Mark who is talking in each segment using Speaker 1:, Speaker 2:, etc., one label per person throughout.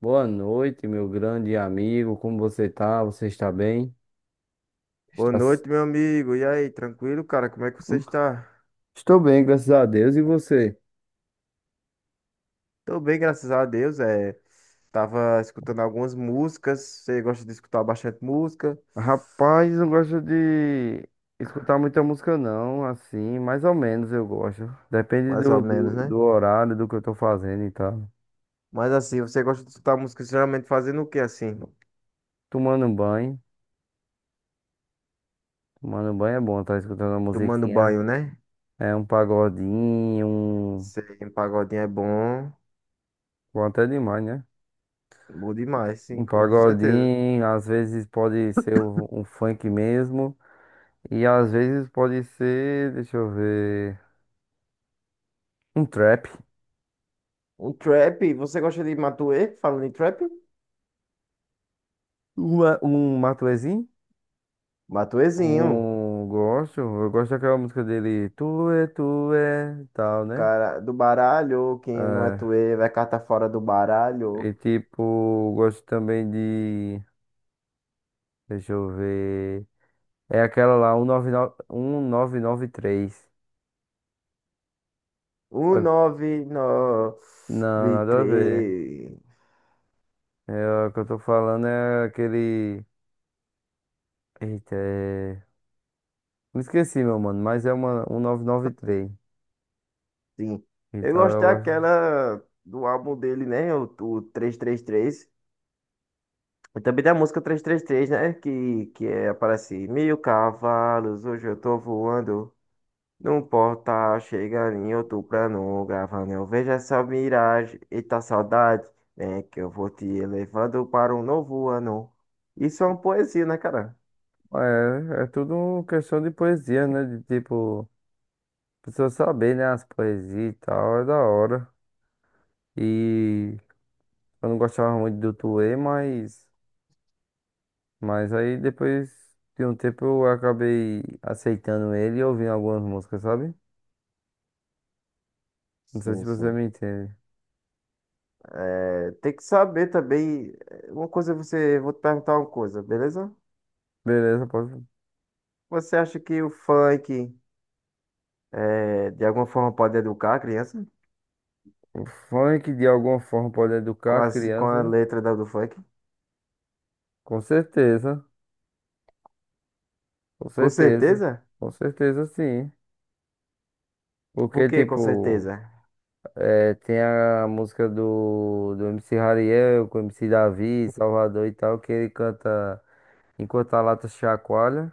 Speaker 1: Boa noite, meu grande amigo. Como você tá? Você está bem?
Speaker 2: Boa
Speaker 1: Está... s-
Speaker 2: noite, meu amigo. E aí, tranquilo, cara? Como é que você está?
Speaker 1: Estou bem, graças a Deus. E você?
Speaker 2: Tô bem, graças a Deus. Tava escutando algumas músicas. Você gosta de escutar bastante música,
Speaker 1: Rapaz, não gosto de escutar muita música, não. Assim, mais ou menos eu gosto. Depende
Speaker 2: mais ou
Speaker 1: do,
Speaker 2: menos,
Speaker 1: do,
Speaker 2: né?
Speaker 1: do horário, do que eu tô fazendo e tal.
Speaker 2: Mas assim, você gosta de escutar música geralmente fazendo o quê, assim?
Speaker 1: Tomando um banho. Tomando um banho é bom, tá escutando uma
Speaker 2: Tomando
Speaker 1: musiquinha.
Speaker 2: banho, né?
Speaker 1: É um pagodinho, um...
Speaker 2: Sei, um pagodinho é bom.
Speaker 1: Bom, até demais, né?
Speaker 2: Bom demais, sim,
Speaker 1: Um
Speaker 2: com certeza.
Speaker 1: pagodinho, às vezes pode ser um funk mesmo. E às vezes pode ser, deixa eu ver, um trap,
Speaker 2: Um trap, você gosta de Matuê? Falando em trap?
Speaker 1: uma, um Matuezinho,
Speaker 2: Matuezinho,
Speaker 1: um gosto, eu gosto daquela música dele, tu é, tal, né?
Speaker 2: cara do baralho. Quem não é tuê vai carta fora do
Speaker 1: É,
Speaker 2: baralho.
Speaker 1: e tipo, gosto também de, deixa eu ver, é aquela lá, um nove nove 1993.
Speaker 2: Um,
Speaker 1: Ó,
Speaker 2: nove,
Speaker 1: não,
Speaker 2: nove,
Speaker 1: nada a ver.
Speaker 2: três.
Speaker 1: É, o que eu tô falando é aquele, eita, é... Me esqueci, meu mano, mas é uma 1993.
Speaker 2: Sim. Eu
Speaker 1: Então
Speaker 2: gosto
Speaker 1: eu gosto.
Speaker 2: daquela do álbum dele, né? O 333. E 33. E também da música 333, né? Que aparece mil cavalos, hoje eu tô voando. Não importa, chega em outono gravando. Eu vejo essa miragem, eita saudade. É que eu vou te levando para um novo ano. Isso é uma poesia, né, cara?
Speaker 1: É, é tudo questão de poesia, né? De tipo, a pessoa saber, né? As poesias e tal, é da hora. E eu não gostava muito do Tuê, mas aí depois de um tempo eu acabei aceitando ele e ouvindo algumas músicas, sabe? Não sei se
Speaker 2: Sim,
Speaker 1: você
Speaker 2: sim.
Speaker 1: me entende.
Speaker 2: Tem que saber também. Uma coisa é você, vou te perguntar uma coisa, beleza?
Speaker 1: Beleza, pode...
Speaker 2: Você acha que o funk de alguma forma pode educar a criança
Speaker 1: O funk de alguma forma pode educar
Speaker 2: com
Speaker 1: a
Speaker 2: as, com a
Speaker 1: criança?
Speaker 2: letra do funk?
Speaker 1: Com certeza, com
Speaker 2: Com
Speaker 1: certeza,
Speaker 2: certeza?
Speaker 1: com certeza sim.
Speaker 2: Por
Speaker 1: Porque,
Speaker 2: que com
Speaker 1: tipo.
Speaker 2: certeza?
Speaker 1: É, tem a música do MC Hariel com o MC Davi, Salvador e tal, que ele canta Enquanto a Lata Chacoalha.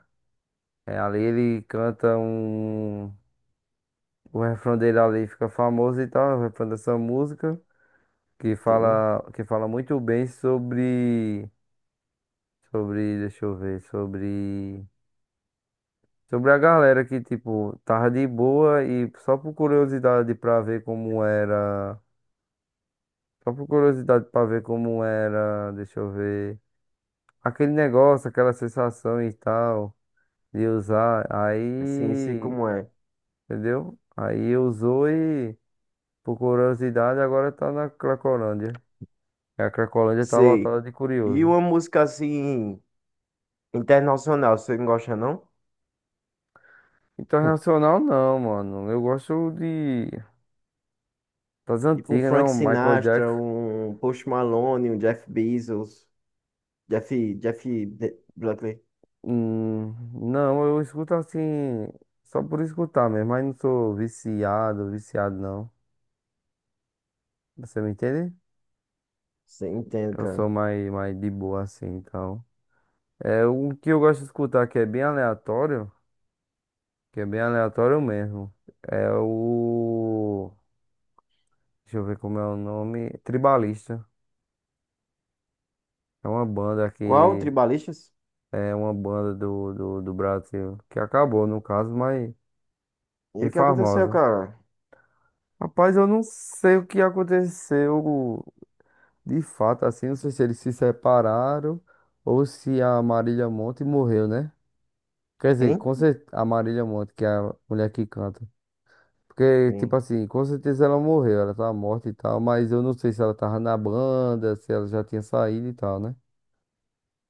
Speaker 1: É, ali ele canta um. O refrão dele ali fica famoso e tal, o refrão dessa música, que
Speaker 2: Sim,
Speaker 1: fala, que fala muito bem sobre. Sobre. Deixa eu ver. Sobre. Sobre a galera que, tipo, tava de boa e só por curiosidade pra ver como era. Só por curiosidade pra ver como era. Deixa eu ver. Aquele negócio, aquela sensação e tal, de usar.
Speaker 2: sim, sei
Speaker 1: Aí,
Speaker 2: como é.
Speaker 1: entendeu? Aí usou e, por curiosidade, agora tá na Cracolândia. E a Cracolândia tá
Speaker 2: Sei.
Speaker 1: lotada de
Speaker 2: E
Speaker 1: curioso.
Speaker 2: uma música assim internacional, você não gosta não? Hum.
Speaker 1: Internacional não, mano. Eu gosto de das
Speaker 2: Tipo um
Speaker 1: antigas,
Speaker 2: Frank
Speaker 1: não, Michael
Speaker 2: Sinatra,
Speaker 1: Jackson.
Speaker 2: um Post Malone, um Jeff Bezos, Jeff, Jeff Buckley.
Speaker 1: Hum, não, eu escuto assim, só por escutar mesmo, mas não sou viciado, viciado não. Você me entende?
Speaker 2: Você entende,
Speaker 1: Eu
Speaker 2: cara?
Speaker 1: sou mais, mais de boa assim, então. É o que eu gosto de escutar que é bem aleatório, que é bem aleatório mesmo. É o. Deixa eu ver como é o nome. Tribalista. É uma banda
Speaker 2: Qual?
Speaker 1: que.
Speaker 2: Tribalistas?
Speaker 1: É uma banda do Brasil. Que acabou, no caso, mas
Speaker 2: E
Speaker 1: bem
Speaker 2: o que aconteceu,
Speaker 1: famosa.
Speaker 2: cara?
Speaker 1: Rapaz, eu não sei o que aconteceu de fato, assim. Não sei se eles se separaram ou se a Marília Monte morreu, né? Quer dizer,
Speaker 2: Quem?
Speaker 1: com certeza, a Marília Monte, que é a mulher que canta. Porque, tipo
Speaker 2: Quem?
Speaker 1: assim, com certeza ela morreu, ela tá morta e tal, mas eu não sei se ela tava na banda, se ela já tinha saído e tal, né?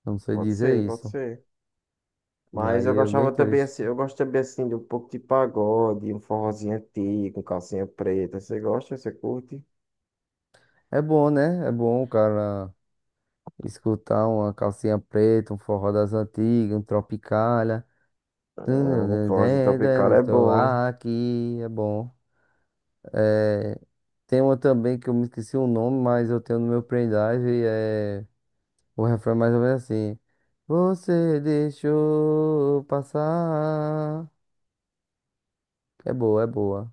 Speaker 1: Eu não sei
Speaker 2: Pode
Speaker 1: dizer
Speaker 2: ser, pode
Speaker 1: isso.
Speaker 2: ser.
Speaker 1: E
Speaker 2: Mas
Speaker 1: aí
Speaker 2: eu
Speaker 1: é bem
Speaker 2: gostava também
Speaker 1: triste.
Speaker 2: assim, eu gosto também assim de um pouco de pagode, um forrozinho antigo, um calcinha preta. Você gosta? Você curte?
Speaker 1: É bom, né? É bom o cara escutar uma calcinha preta, um forró das antigas, um Tropicália.
Speaker 2: Ah, um forrozinho tropical é
Speaker 1: Estou
Speaker 2: bom.
Speaker 1: aqui, é bom. É, tem uma também que eu me esqueci o nome, mas eu tenho no meu pendrive, é. O refrão é mais ou menos assim. Você deixou passar. É boa, é boa.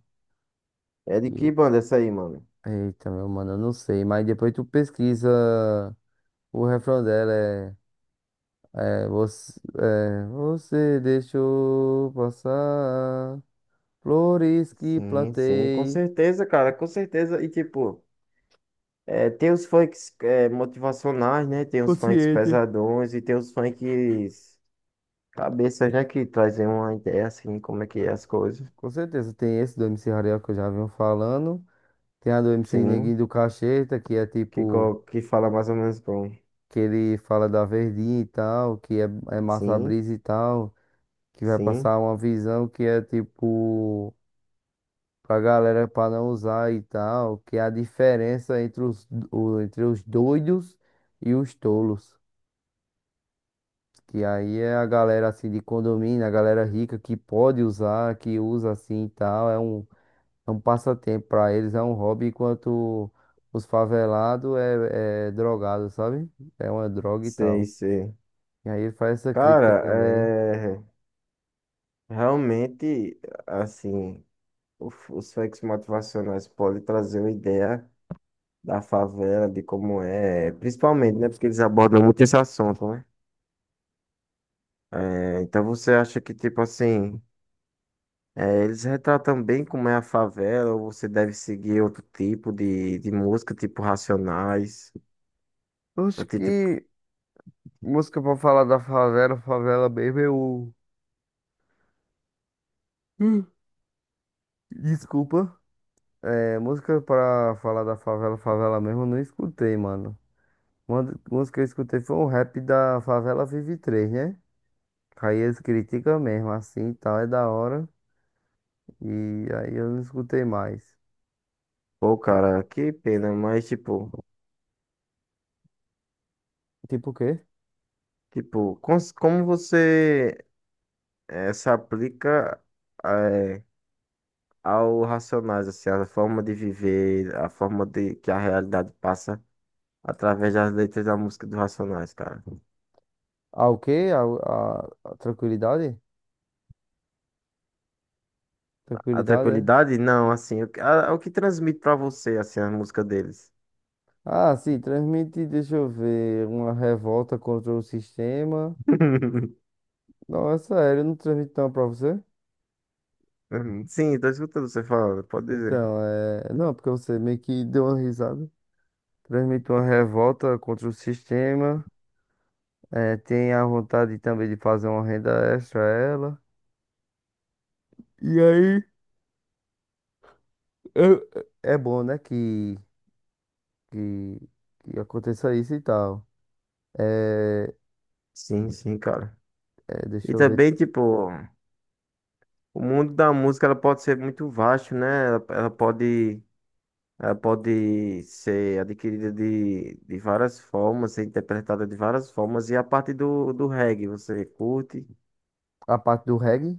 Speaker 2: É de que
Speaker 1: E-
Speaker 2: banda essa aí, mano?
Speaker 1: eita, meu mano, eu não sei. Mas depois tu pesquisa. O refrão dela é. É, você, é, você deixou passar flores que
Speaker 2: Sim, sim, com
Speaker 1: plantei.
Speaker 2: certeza, cara, com certeza. E tipo, tem os funks motivacionais, né? Tem os funks
Speaker 1: Consciente.
Speaker 2: pesadões e tem os funks cabeças, né? Que trazem uma ideia assim, como é que é as coisas.
Speaker 1: Com certeza tem esse do MC Rariel que eu já venho falando. Tem a do MC
Speaker 2: Sim.
Speaker 1: Neguinho do Cacheta, que é
Speaker 2: Que,
Speaker 1: tipo.
Speaker 2: co- que fala mais ou menos como.
Speaker 1: Que ele fala da Verdinha e tal, que é, é massa
Speaker 2: Sim,
Speaker 1: brisa e tal, que vai
Speaker 2: sim,
Speaker 1: passar uma visão que é tipo pra galera pra não usar e tal, que é a diferença entre os, o- entre os doidos e os tolos. Que aí é a galera assim de condomínio, a galera rica que pode usar, que usa assim e tal, é um passatempo pra eles, é um hobby, enquanto os favelados é, é drogado, sabe? É uma droga e
Speaker 2: sei,
Speaker 1: tal.
Speaker 2: sei.
Speaker 1: E aí ele faz essa crítica
Speaker 2: Cara,
Speaker 1: também.
Speaker 2: realmente, assim, os fakes motivacionais podem trazer uma ideia da favela, de como é, principalmente, né? Porque eles abordam muito esse assunto, né? Então você acha que, tipo assim, eles retratam bem como é a favela, ou você deve seguir outro tipo de música, tipo Racionais?
Speaker 1: Acho
Speaker 2: Tipo,
Speaker 1: que música pra falar da favela, favela mesmo, eu. Hum. Desculpa. É, música pra falar da favela, favela mesmo, eu não escutei, mano. Uma d- música que eu escutei foi um rap da Favela Vive 3, né? Aí eles criticam mesmo, assim e tal, é da hora. E aí eu não escutei mais.
Speaker 2: pô, cara, que pena, mas, tipo.
Speaker 1: Tipo o quê?
Speaker 2: Tipo, como você se aplica eh, ao Racionais, assim, a forma de viver, a forma de que a realidade passa através das letras da música dos Racionais, cara?
Speaker 1: Ah, o quê? A tranquilidade?
Speaker 2: A
Speaker 1: Tranquilidade, é?
Speaker 2: tranquilidade? Não, assim, o que, o que transmite pra você, assim, a música deles?
Speaker 1: Ah, sim, transmite, deixa eu ver, uma revolta contra o sistema. Nossa, ele não transmitiu uma pra você?
Speaker 2: Uhum. Sim, tô escutando você falando, pode dizer.
Speaker 1: Então, é. Não, porque você meio que deu uma risada. Transmitiu uma revolta contra o sistema. É, tem a vontade também de fazer uma renda extra a ela. E aí, eu- é bom, né, que, que aconteça isso e tal. É,
Speaker 2: Sim, sim, cara.
Speaker 1: é,
Speaker 2: E
Speaker 1: deixa eu ver
Speaker 2: também, tipo, o mundo da música, ela pode ser muito vasto, né? Ela pode ser adquirida de várias formas, ser interpretada de várias formas. E a parte do reggae, você curte?
Speaker 1: a parte do reggae.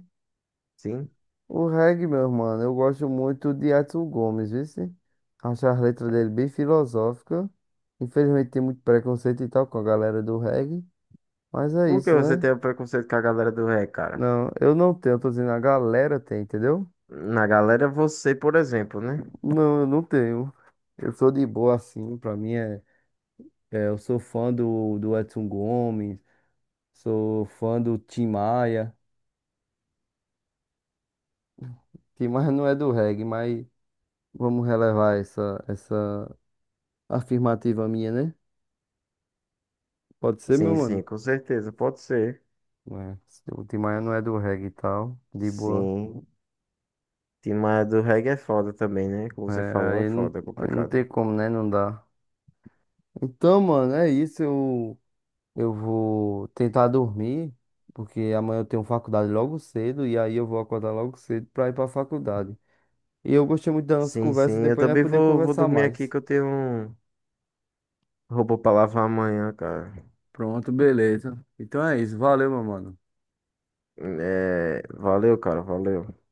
Speaker 2: Sim.
Speaker 1: O reggae, meu mano, eu gosto muito de Edson Gomes, viu? Se? Acho as letras dele bem filosóficas. Infelizmente tem muito preconceito e tal com a galera do reggae, mas é
Speaker 2: Por que
Speaker 1: isso,
Speaker 2: você
Speaker 1: né?
Speaker 2: tem o preconceito com a galera do reggae, cara?
Speaker 1: Não, eu não tenho, eu tô dizendo a galera tem, entendeu?
Speaker 2: Na galera, você, por exemplo, né?
Speaker 1: Não, eu não tenho. Eu sou de boa assim, pra mim é, é, eu sou fã do Edson Gomes, sou fã do Tim Maia. Tim Maia não é do reggae, mas vamos relevar essa afirmativa minha, né? Pode ser,
Speaker 2: Sim,
Speaker 1: meu
Speaker 2: sim,
Speaker 1: mano?
Speaker 2: com certeza, pode ser.
Speaker 1: Né? O Tim Maia não é do reggae e tal, de boa.
Speaker 2: Sim. Tim Maia do reggae é foda também, né? Como
Speaker 1: É,
Speaker 2: você falou, é
Speaker 1: aí não,
Speaker 2: foda, é
Speaker 1: aí não
Speaker 2: complicado.
Speaker 1: tem como, né? Não dá. Então, mano, é isso. Eu vou tentar dormir, porque amanhã eu tenho faculdade logo cedo, e aí eu vou acordar logo cedo pra ir pra faculdade. E eu gostei muito da nossa
Speaker 2: Sim,
Speaker 1: conversa,
Speaker 2: sim. Eu
Speaker 1: depois nós
Speaker 2: também
Speaker 1: podemos
Speaker 2: vou
Speaker 1: conversar
Speaker 2: dormir aqui
Speaker 1: mais.
Speaker 2: que eu tenho um robô pra lavar amanhã, cara.
Speaker 1: Pronto, beleza. Então é isso. Valeu, meu mano.
Speaker 2: Valeu, cara, valeu.